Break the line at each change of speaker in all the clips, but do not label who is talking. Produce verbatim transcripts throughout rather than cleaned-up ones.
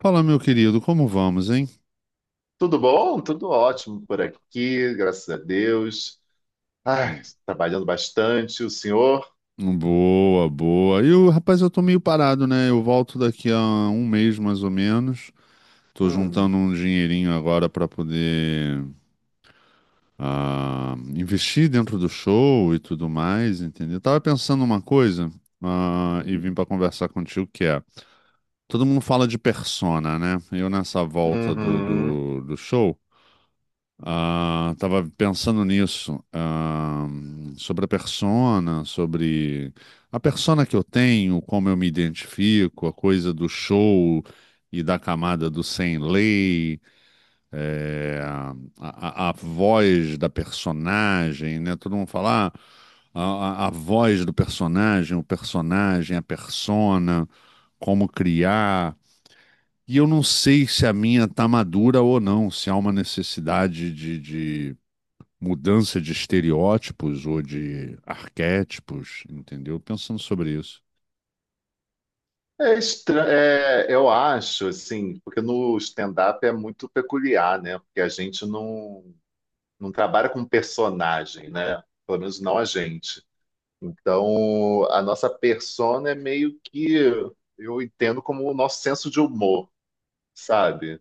Fala, meu querido, como vamos, hein?
Tudo bom? Tudo ótimo por aqui, graças a Deus. Ai, trabalhando bastante, o senhor?
Boa, boa. E o rapaz, eu tô meio parado, né? Eu volto daqui a um mês mais ou menos. Tô
Hum.
juntando um dinheirinho agora pra poder ah, investir dentro do show e tudo mais, entendeu? Tava pensando uma coisa, ah, e vim
Hum.
pra conversar contigo que é. Todo mundo fala de persona, né? Eu nessa volta do,
Uhum.
do, do show. Ah, tava pensando nisso, ah, sobre a persona, sobre a persona que eu tenho, como eu me identifico, a coisa do show e da camada do sem lei, eh, a, a- a voz da personagem, né? Todo mundo fala, ah, a, a voz do personagem, o personagem, a persona, como criar. E eu não sei se a minha tá madura ou não, se há uma necessidade de, de mudança de estereótipos ou de arquétipos, entendeu? Pensando sobre isso.
É estra- é, eu acho, assim, porque no stand-up é muito peculiar, né? Porque a gente não, não trabalha com personagem, né? Pelo menos não a gente. Então, a nossa persona é meio que, eu entendo como o nosso senso de humor, sabe?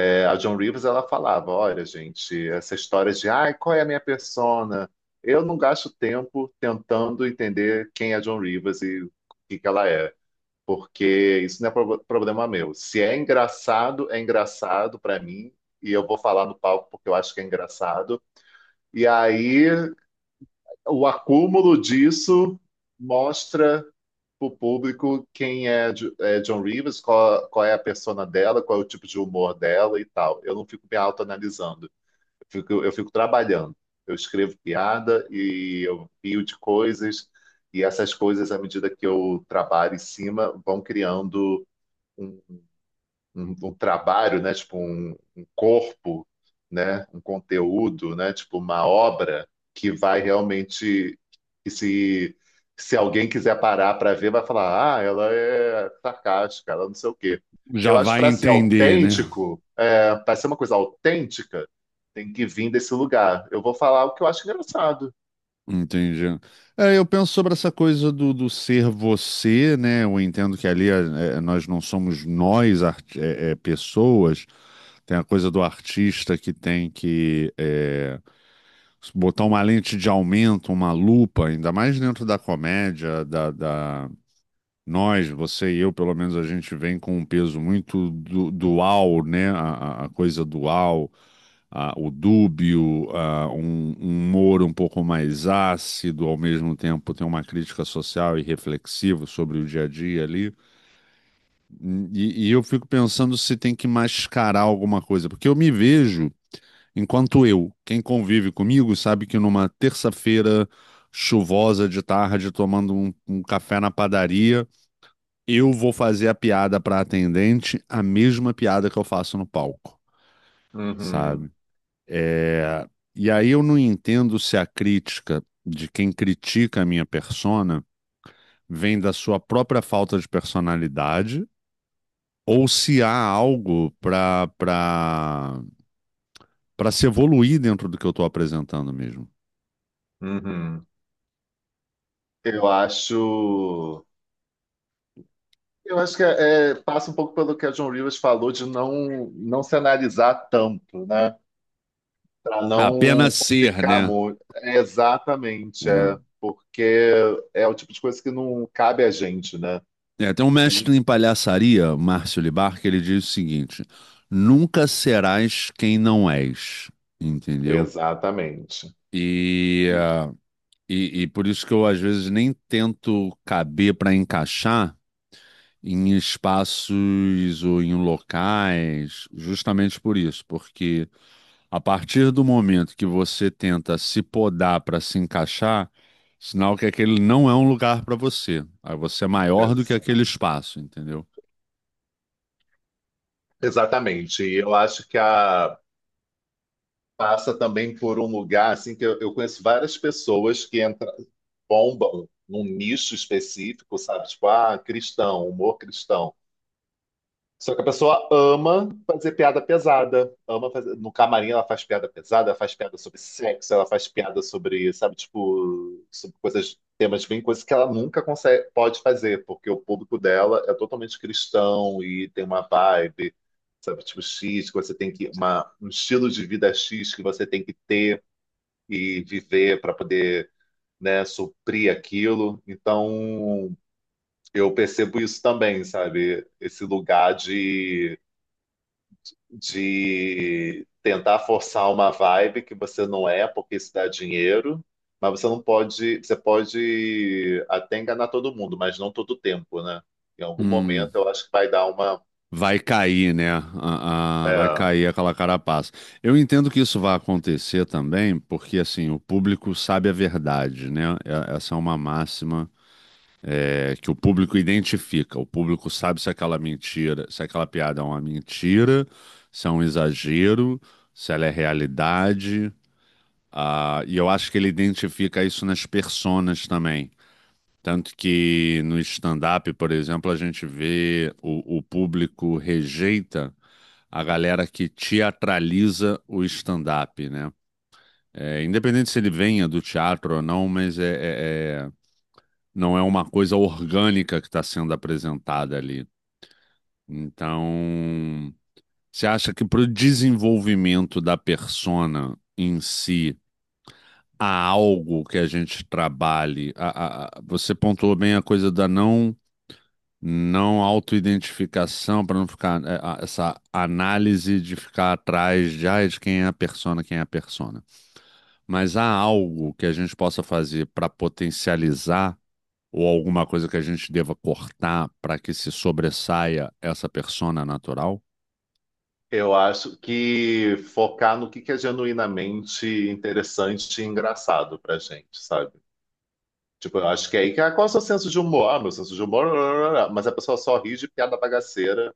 É, a Joan Rivers ela falava, olha, gente, essa história de, ai, qual é a minha persona? Eu não gasto tempo tentando entender quem é a Joan Rivers e o que que ela é, porque isso não é pro- problema meu. Se é engraçado, é engraçado para mim e eu vou falar no palco porque eu acho que é engraçado. E aí o acúmulo disso mostra para o público quem é, Jo- é John Rivers, qual, qual é a persona dela, qual é o tipo de humor dela e tal. Eu não fico me autoanalisando. Fico- eu fico trabalhando. Eu escrevo piada e eu pio de coisas, e essas coisas, à medida que eu trabalho em cima, vão criando um, um, um trabalho, né? Tipo um, um corpo, né? Um conteúdo, né? Tipo uma obra que vai realmente que se se alguém quiser parar para ver, vai falar, ah, ela é sarcástica, ela não sei o quê.
Já
Eu acho que
vai
para ser
entender, né?
autêntico, é, para ser uma coisa autêntica, tem que vir desse lugar. Eu vou falar o que eu acho engraçado.
Entendi. É, eu penso sobre essa coisa do, do ser você, né? Eu entendo que ali é, é, nós não somos nós, arti- é, é, pessoas. Tem a coisa do artista que tem que é, botar uma lente de aumento, uma lupa, ainda mais dentro da comédia, da, da- Nós, você e eu, pelo menos, a gente vem com um peso muito du- dual, né? A, a- a coisa dual, a- o dúbio, a- um, um humor um pouco mais ácido, ao mesmo tempo tem uma crítica social e reflexiva sobre o dia a dia ali. E, e eu fico pensando se tem que mascarar alguma coisa, porque eu me vejo enquanto eu. Quem convive comigo sabe que numa terça-feira chuvosa de tarde, tomando um um café na padaria, eu vou fazer a piada para atendente, a mesma piada que eu faço no palco,
Uhum.
sabe? É. E aí eu não entendo se a crítica de quem critica a minha persona vem da sua própria falta de personalidade ou se há algo para para para se evoluir dentro do que eu estou apresentando mesmo.
Uhum. Eu acho. Eu acho que é, é, passa um pouco pelo que a John Rivers falou de não, não se analisar tanto, né? Para não
Apenas ser,
complicar
né?
muito. É, exatamente,
É.
é, porque é o tipo de coisa que não cabe a gente, né?
É, tem um
Quem?
mestre em palhaçaria, Márcio Libar, que ele diz o seguinte: nunca serás quem não és, entendeu?
Exatamente.
E,
E-
ah, e, e por isso que eu às vezes nem tento caber para encaixar em espaços ou em locais, justamente por isso, porque a partir do momento que você tenta se podar para se encaixar, sinal que aquele não é um lugar para você. Aí você é maior do que
exa-
aquele espaço, entendeu?
Exatamente. E eu acho que a passa também por um lugar assim que eu, eu conheço várias pessoas que entra, bombam num nicho específico, sabe? Tipo, ah, cristão, humor cristão. Só que a pessoa ama fazer piada pesada. Ama fazer... No camarim ela faz piada pesada, ela faz piada sobre sexo, ela faz piada sobre, sabe, tipo, sobre coisas, temas bem, coisas que ela nunca consegue, pode fazer, porque o público dela é totalmente cristão e tem uma vibe, sabe, tipo, X, que você tem que, uma, um estilo de vida X que você tem que ter e viver para poder, né, suprir aquilo. Então, eu percebo isso também, sabe? Esse lugar de de tentar forçar uma vibe que você não é, porque isso dá dinheiro, mas você não pode, você pode até enganar todo mundo, mas não todo o tempo, né? Em algum
Hum.
momento eu acho que vai dar uma.
Vai cair, né? A- a- vai
É,
cair aquela carapaça. Eu entendo que isso vai acontecer também, porque assim, o público sabe a verdade, né? É- Essa é uma máxima, é, que o público identifica. O público sabe se aquela mentira, se aquela piada é uma mentira, se é um exagero, se ela é realidade. Ah, e eu acho que ele identifica isso nas personas também. Tanto que no stand-up, por exemplo, a gente vê o o público rejeita a galera que teatraliza o stand-up, né? É, independente se ele venha do teatro ou não, mas é, é- é- não é uma coisa orgânica que está sendo apresentada ali. Então, você acha que para o desenvolvimento da persona em si, há algo que a gente trabalhe? A- a- a- você pontuou bem a coisa da não Não autoidentificação, para não ficar é, a- essa análise de ficar atrás de, ai, de quem é a persona, quem é a persona. Mas há algo que a gente possa fazer para potencializar ou alguma coisa que a gente deva cortar para que se sobressaia essa persona natural?
eu acho que focar no que que é genuinamente interessante e engraçado pra gente, sabe? Tipo, eu acho que é aí que. Ah, qual é o seu senso de humor? Ah, meu senso de humor. Mas a pessoa só ri de piada bagaceira.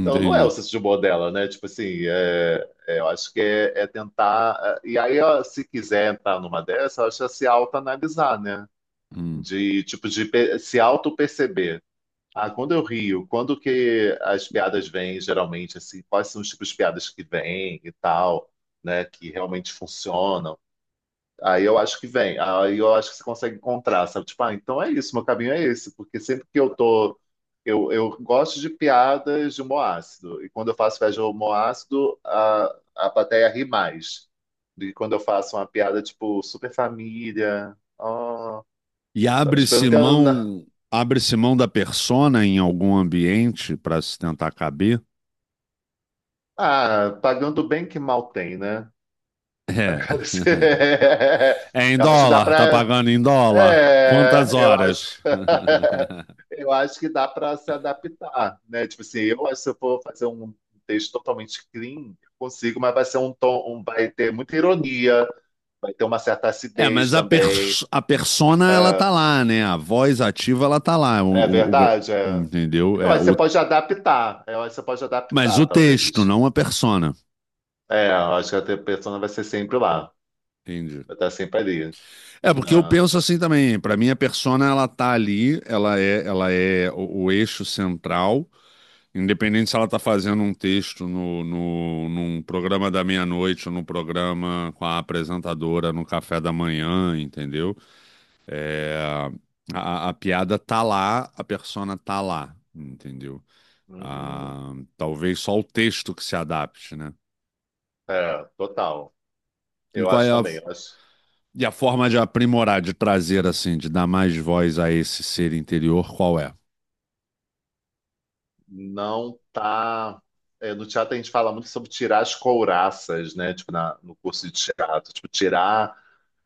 Então, não é o senso de humor dela, né? Tipo assim, é- é, eu acho que é, é tentar. é, E aí, ó, se quiser entrar numa dessa, eu acho que é se autoanalisar, né?
Hum.
De, tipo, de pe- se auto-perceber. Ah, quando eu rio, quando que as piadas vêm, geralmente, assim, quais são os tipos de piadas que vêm e tal, né? Que realmente funcionam. Aí eu acho que vem, aí eu acho que você consegue encontrar, sabe? Tipo, ah, então é isso, meu caminho é esse, porque sempre que eu tô. Eu, eu gosto de piadas de humor ácido, e quando eu faço piada de humor ácido, a, a plateia ri mais do que quando eu faço uma piada tipo super família, ó,
E
sabe? Tipo, eu não
abre-se
tenho. na-
mão, abre-se mão da persona em algum ambiente para se tentar caber?
Ah, pagando bem que mal tem, né?
É. É em
Eu acho que dá
dólar, tá
pra.
pagando em dólar.
É,
Quantas
eu acho.
horas?
Eu acho que dá para se adaptar, né? Tipo assim, eu acho que se eu for fazer um texto totalmente clean, eu consigo, mas vai ser um tom, um- vai ter muita ironia, vai ter uma certa
É,
acidez
mas a,
também.
pers- a persona, ela tá
É,
lá, né? A voz ativa, ela tá lá.
é
O- o- o-
verdade, é.
entendeu?
Eu
É,
acho que você
o,
pode adaptar, eu acho que você pode
mas
adaptar,
o texto,
talvez.
não a persona.
É, eu acho que a tua persona vai ser sempre lá,
Entendi.
vai estar sempre ali,
É, porque eu
né?
penso assim também. Pra mim, a persona, ela tá ali, ela é, ela é o, o eixo central. Independente se ela tá fazendo um texto no, no, num programa da meia-noite ou num programa com a apresentadora no café da manhã, entendeu? É, a, a piada tá lá, a persona tá lá, entendeu?
Uhum.
Ah, talvez só o texto que se adapte, né?
É, total.
E
Eu
qual é
acho
a,
também, eu acho.
e a forma de aprimorar, de trazer assim, de dar mais voz a esse ser interior, qual é?
Não tá. É, no teatro a gente fala muito sobre tirar as couraças, né? Tipo, na, no curso de teatro, tipo, tirar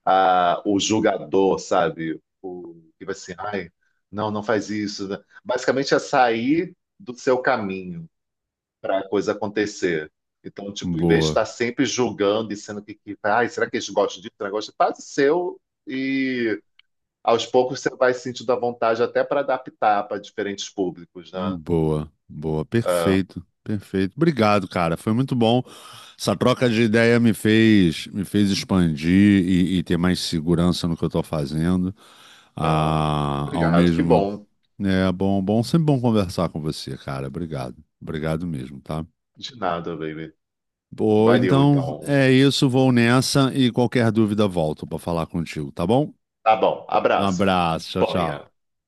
a, o julgador, sabe? O que vai assim, ai, não, não faz isso. Né? Basicamente é sair do seu caminho para a coisa acontecer. Então, tipo, em vez de
Boa.
estar sempre julgando e sendo que, que ai, será que eles gostam disso? Negócio que faz o seu e aos poucos você vai sentindo a vontade até para adaptar para diferentes públicos, né?
Boa, boa,
Ah,
perfeito, perfeito. Obrigado, cara. Foi muito bom. Essa troca de ideia me fez, me fez expandir e, e ter mais segurança no que eu tô fazendo.
Ah,
Ah, ao
obrigado, que
mesmo,
bom.
né, é bom, bom, sempre bom conversar com você, cara. Obrigado, obrigado mesmo, tá?
De nada, baby.
Boa,
Valeu,
então
então.
é isso. Vou nessa e qualquer dúvida volto para falar contigo, tá bom?
Tá bom,
Um
abraço.
abraço, tchau, tchau.
Disponha.